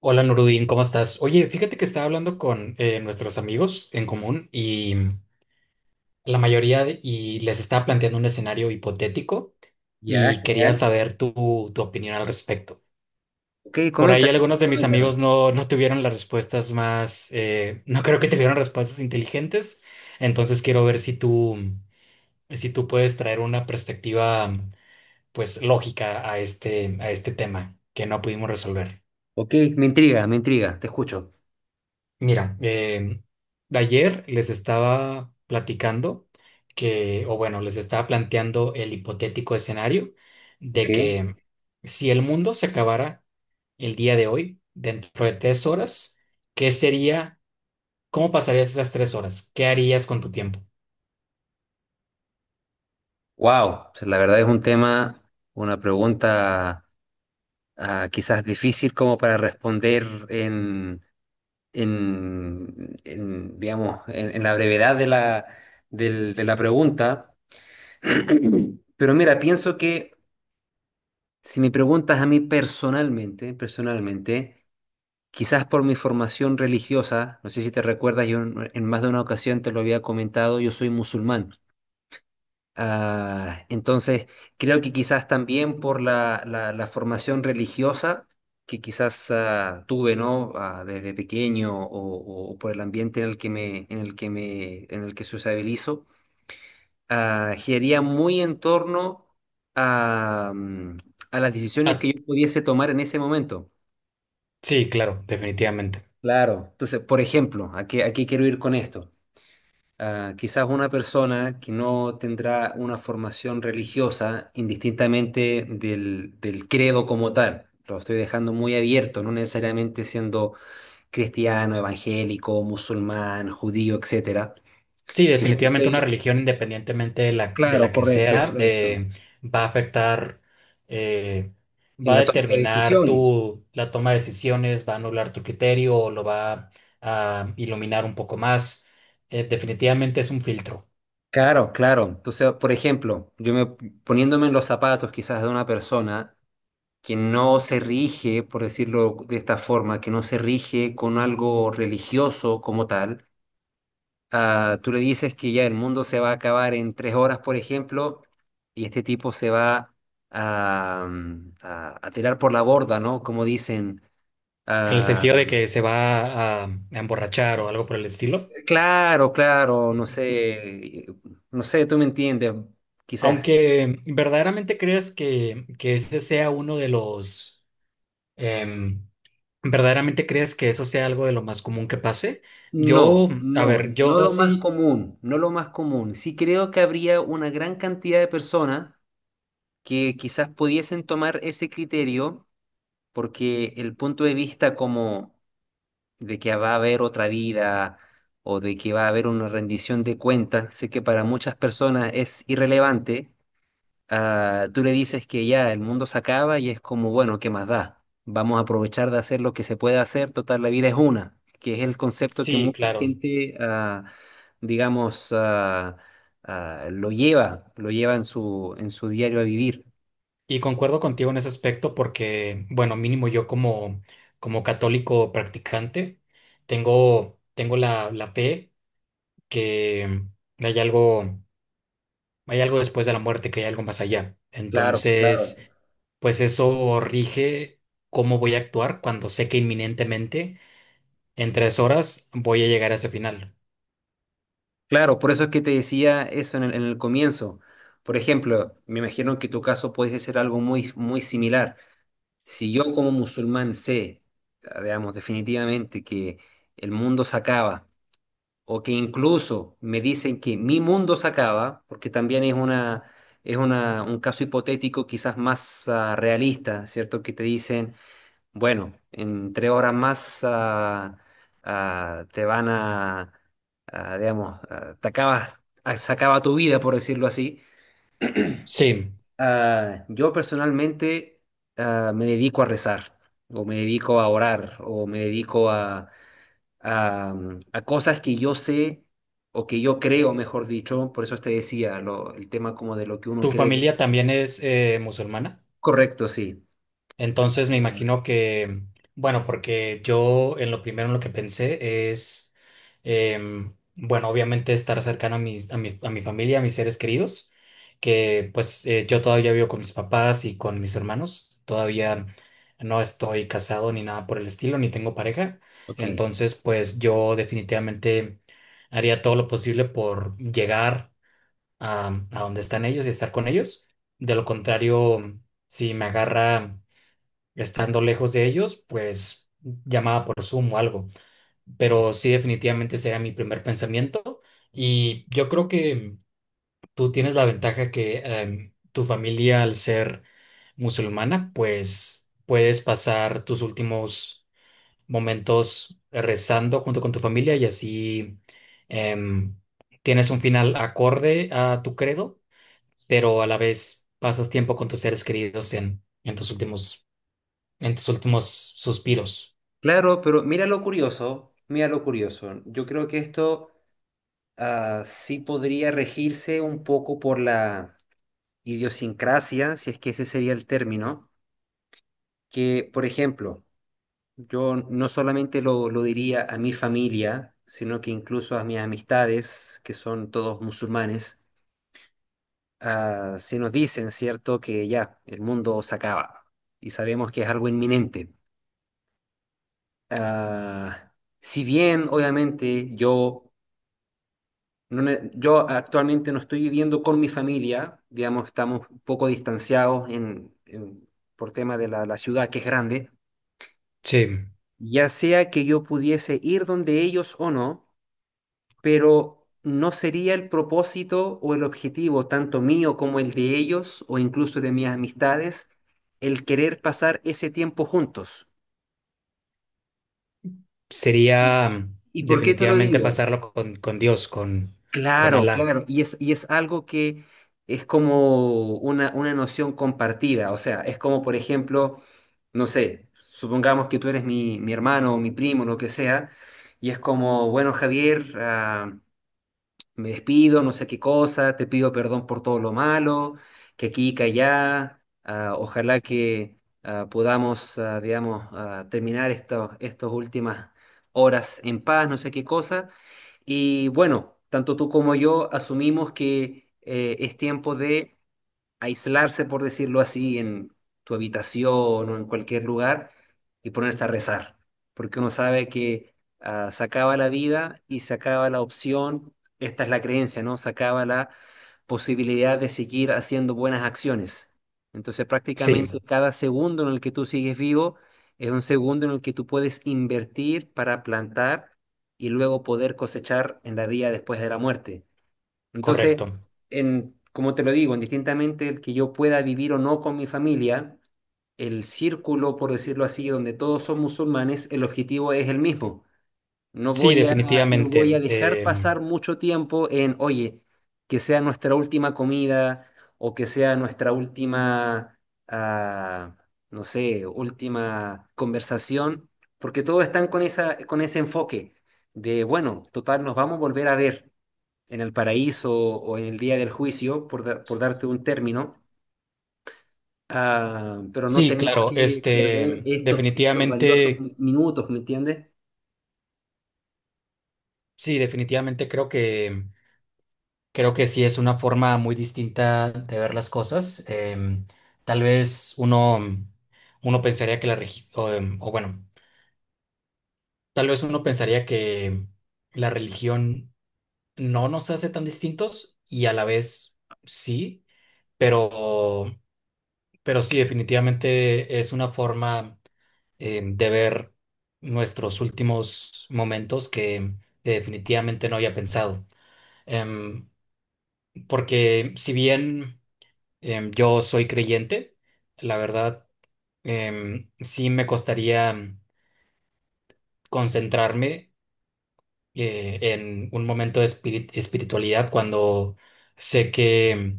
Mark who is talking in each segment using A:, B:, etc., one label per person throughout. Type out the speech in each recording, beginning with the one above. A: Hola Nurudin, ¿cómo estás? Oye, fíjate que estaba hablando con nuestros amigos en común y la mayoría de- y les estaba planteando un escenario hipotético
B: Ya,
A: y quería
B: genial.
A: saber tu opinión al respecto.
B: Ok,
A: Por ahí
B: coméntame,
A: algunos de mis
B: coméntame.
A: amigos no tuvieron las respuestas más, no creo que tuvieron respuestas inteligentes, entonces quiero ver si tú, si tú puedes traer una perspectiva pues lógica a a este tema que no pudimos resolver.
B: Ok, me intriga, te escucho.
A: Mira, de ayer les estaba platicando que, o bueno, les estaba planteando el hipotético escenario
B: Ok.
A: de que si el mundo se acabara el día de hoy, dentro de tres horas, ¿qué sería? ¿Cómo pasarías esas tres horas? ¿Qué harías con tu tiempo?
B: Wow, la verdad es un tema, una pregunta quizás difícil como para responder digamos, en la brevedad de la, de la pregunta. Pero mira, pienso que si me preguntas a mí personalmente, personalmente, quizás por mi formación religiosa, no sé si te recuerdas, yo en más de una ocasión te lo había comentado, yo soy musulmán. Entonces, creo que quizás también por la, la formación religiosa que quizás tuve, ¿no? Desde pequeño o por el ambiente en el que me, en el que me, en el que sociabilizo, giraría muy en torno a, a las decisiones
A: Ah,
B: que yo pudiese tomar en ese momento.
A: sí, claro, definitivamente.
B: Claro. Entonces, por ejemplo, a qué quiero ir con esto? Quizás una persona que no tendrá una formación religiosa, indistintamente del, del credo como tal, lo estoy dejando muy abierto, no necesariamente siendo cristiano, evangélico, musulmán, judío, etcétera.
A: Sí,
B: Si Sí,
A: definitivamente una
B: fuese,
A: religión, independientemente de de
B: claro,
A: la que
B: correcto,
A: sea,
B: correcto,
A: va a afectar, eh,
B: en
A: va a
B: la toma de
A: determinar
B: decisiones.
A: tu, la toma de decisiones, va a anular tu criterio o lo va a iluminar un poco más. Definitivamente es un filtro,
B: Claro, claro. Entonces, por ejemplo, yo me poniéndome en los zapatos quizás de una persona que no se rige, por decirlo de esta forma, que no se rige con algo religioso como tal, tú le dices que ya el mundo se va a acabar en 3 horas, por ejemplo, y este tipo se va a, a tirar por la borda, ¿no? Como dicen.
A: en el
B: ah,
A: sentido de que se va a emborrachar o algo por el estilo.
B: claro, claro, no sé, no sé, tú me entiendes, quizás.
A: Aunque verdaderamente creas que ese sea uno de los, em, ¿verdaderamente crees que eso sea algo de lo más común que pase? Yo,
B: No,
A: a
B: no,
A: ver, yo
B: no lo más
A: sí,
B: común, no lo más común. Sí creo que habría una gran cantidad de personas que quizás pudiesen tomar ese criterio porque el punto de vista como de que va a haber otra vida o de que va a haber una rendición de cuentas, sé que para muchas personas es irrelevante. Tú le dices que ya el mundo se acaba y es como, bueno, ¿qué más da? Vamos a aprovechar de hacer lo que se puede hacer, total, la vida es una, que es el concepto que
A: sí,
B: mucha
A: claro.
B: gente, digamos, lo lleva en su diario a vivir.
A: Y concuerdo contigo en ese aspecto porque, bueno, mínimo yo como, como católico practicante, tengo, tengo la, la fe que hay algo, hay algo después de la muerte, que hay algo más allá.
B: Claro, claro.
A: Entonces, pues eso rige cómo voy a actuar cuando sé que inminentemente en tres horas voy a llegar a ese final.
B: Claro, por eso es que te decía eso en el comienzo. Por ejemplo, me imagino que tu caso puede ser algo muy, muy similar. Si yo como musulmán sé, digamos, definitivamente que el mundo se acaba, o que incluso me dicen que mi mundo se acaba, porque también es una, un caso hipotético quizás más realista, ¿cierto? Que te dicen, bueno, en 3 horas más te van a, digamos, te acabas, se acaba tu vida, por decirlo así.
A: Sí.
B: Yo personalmente me dedico a rezar, o me dedico a orar, o me dedico a, a cosas que yo sé, o que yo creo, mejor dicho, por eso te decía, el tema como de lo que uno
A: Tu
B: cree.
A: familia también es musulmana,
B: Correcto, sí.
A: entonces me
B: Ah,
A: imagino que, bueno, porque yo en lo primero en lo que pensé es, bueno, obviamente estar cercano a mis- a mi familia, a mis seres queridos, que pues yo todavía vivo con mis papás y con mis hermanos, todavía no estoy casado ni nada por el estilo, ni tengo pareja,
B: ok.
A: entonces pues yo definitivamente haría todo lo posible por llegar a donde están ellos y estar con ellos. De lo contrario, si me agarra estando lejos de ellos, pues llamada por Zoom o algo. Pero sí, definitivamente sería mi primer pensamiento. Y yo creo que tú tienes la ventaja que tu familia, al ser musulmana, pues puedes pasar tus últimos momentos rezando junto con tu familia y así em, tienes un final acorde a tu credo pero a la vez pasas tiempo con tus seres queridos en tus últimos suspiros.
B: Claro, pero mira lo curioso, mira lo curioso. Yo creo que esto sí podría regirse un poco por la idiosincrasia, si es que ese sería el término, que, por ejemplo, yo no solamente lo diría a mi familia, sino que incluso a mis amistades, que son todos musulmanes, si nos dicen, ¿cierto?, que ya, el mundo se acaba y sabemos que es algo inminente. Ah, si bien, obviamente, yo yo actualmente no estoy viviendo con mi familia, digamos, estamos un poco distanciados por tema de la, la ciudad que es grande,
A: Sí,
B: ya sea que yo pudiese ir donde ellos o no, pero no sería el propósito o el objetivo, tanto mío como el de ellos o incluso de mis amistades, el querer pasar ese tiempo juntos. ¿Y,
A: sería
B: y por qué te lo
A: definitivamente
B: digo?
A: pasarlo con Dios, con
B: Claro,
A: Alá.
B: claro, y es algo que es como una noción compartida, o sea, es como, por ejemplo, no sé, supongamos que tú eres mi, mi hermano o mi primo, lo que sea, y es como, bueno, Javier, me despido, no sé qué cosa, te pido perdón por todo lo malo, que aquí, que allá, ojalá que podamos, digamos, terminar estas últimas horas en paz, no sé qué cosa. Y bueno, tanto tú como yo asumimos que es tiempo de aislarse, por decirlo así, en tu habitación o en cualquier lugar y ponerse a rezar, porque uno sabe que se acaba la vida y se acaba la opción, esta es la creencia, ¿no? Se acaba la posibilidad de seguir haciendo buenas acciones. Entonces
A: Sí,
B: prácticamente cada segundo en el que tú sigues vivo es un segundo en el que tú puedes invertir para plantar y luego poder cosechar en la vida después de la muerte. Entonces,
A: correcto.
B: en, como te lo digo, indistintamente el que yo pueda vivir o no con mi familia, el círculo, por decirlo así, donde todos son musulmanes, el objetivo es el mismo.
A: Sí,
B: No voy a
A: definitivamente.
B: dejar pasar mucho tiempo en, oye, que sea nuestra última comida o que sea nuestra última, ah, no sé, última conversación, porque todos están con esa, con ese enfoque de, bueno, total, nos vamos a volver a ver en el paraíso o en el día del juicio, por, por darte un término, pero no
A: Sí,
B: tenemos
A: claro,
B: que
A: este,
B: perder estos, estos valiosos
A: definitivamente,
B: minutos, ¿me entiendes?
A: sí, definitivamente creo que, creo que sí es una forma muy distinta de ver las cosas. em, tal vez uno, uno pensaría que la religión, o o bueno, tal vez uno pensaría que la religión no nos hace tan distintos y a la vez sí, pero, pero sí, definitivamente es una forma de ver nuestros últimos momentos que definitivamente no había pensado. Em, porque si bien yo soy creyente, la verdad sí me costaría concentrarme en un momento de espiritualidad cuando sé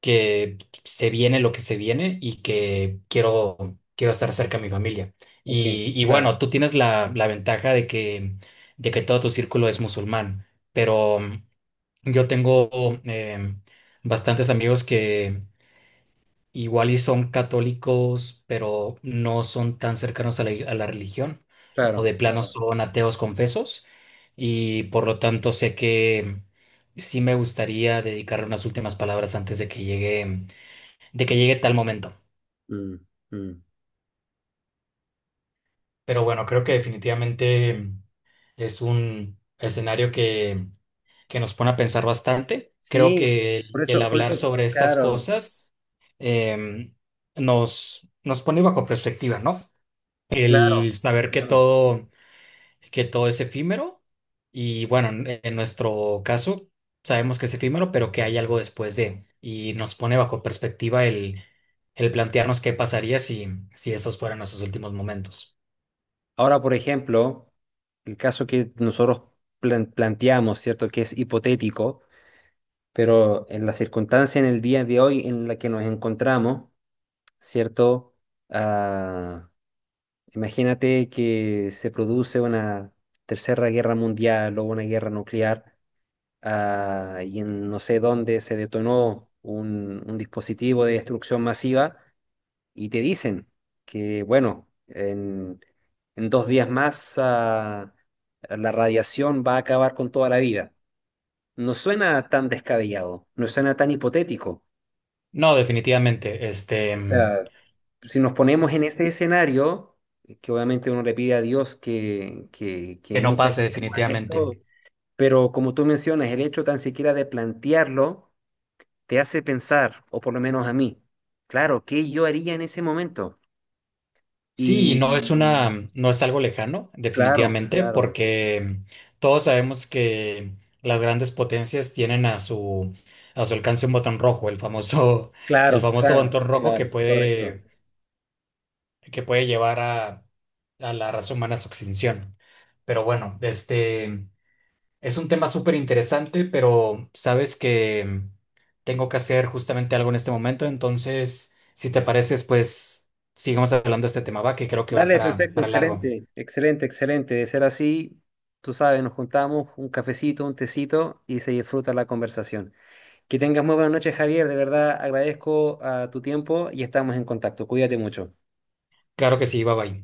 A: que se viene lo que se viene y que quiero, quiero estar cerca de mi familia.
B: Ok,
A: Y
B: claro,
A: bueno, tú tienes la, la ventaja de que todo tu círculo es musulmán, pero yo tengo em, bastantes amigos igual y son católicos, pero no son tan cercanos a la religión, o
B: claro,
A: de plano
B: claro.
A: son ateos confesos, y por lo tanto sé que sí me gustaría dedicarle unas últimas palabras antes de que llegue tal momento.
B: Mm, mm.
A: Pero bueno, creo que definitivamente es un escenario que nos pone a pensar bastante. Creo
B: Sí,
A: que el
B: por eso,
A: hablar sobre estas
B: claro,
A: cosas em, nos, nos pone bajo perspectiva, ¿no?
B: claro,
A: El saber
B: claro.
A: que todo es efímero y bueno, en nuestro caso sabemos que es efímero, pero que hay algo después de y nos pone bajo perspectiva el plantearnos qué pasaría si, si esos fueran nuestros últimos momentos.
B: Ahora, por ejemplo, el caso que nosotros planteamos, ¿cierto? Que es hipotético, pero en la circunstancia, en el día de hoy en la que nos encontramos, ¿cierto? Ah, Imagínate que se produce una tercera guerra mundial o una guerra nuclear, y en no sé dónde se detonó un dispositivo de destrucción masiva y te dicen que, bueno, en 2 días más, la radiación va a acabar con toda la vida. No suena tan descabellado, no suena tan hipotético.
A: No, definitivamente, este,
B: O sea, si nos ponemos en
A: es-
B: ese escenario, que obviamente uno le pide a Dios que
A: que no
B: nunca
A: pase
B: lleguemos a
A: definitivamente.
B: esto, pero como tú mencionas, el hecho tan siquiera de plantearlo te hace pensar, o por lo menos a mí, claro, ¿qué yo haría en ese momento?
A: Sí, y
B: Y
A: no es una, no es algo lejano,
B: claro,
A: definitivamente,
B: claro,
A: porque todos sabemos que las grandes potencias tienen a su alcance un botón rojo, el famoso, el
B: claro,
A: famoso
B: claro,
A: botón rojo
B: claro, correcto.
A: que puede llevar a la raza humana a su extinción. Pero bueno, este es un tema súper interesante, pero sabes que tengo que hacer justamente algo en este momento, entonces, si te pareces, pues sigamos hablando de este tema, va, que creo que va
B: Dale, perfecto,
A: para largo.
B: excelente, excelente, excelente. De ser así, tú sabes, nos juntamos un cafecito, un tecito y se disfruta la conversación. Que tengas muy buenas noches, Javier. De verdad agradezco a tu tiempo y estamos en contacto. Cuídate mucho.
A: Claro que sí, bye bye.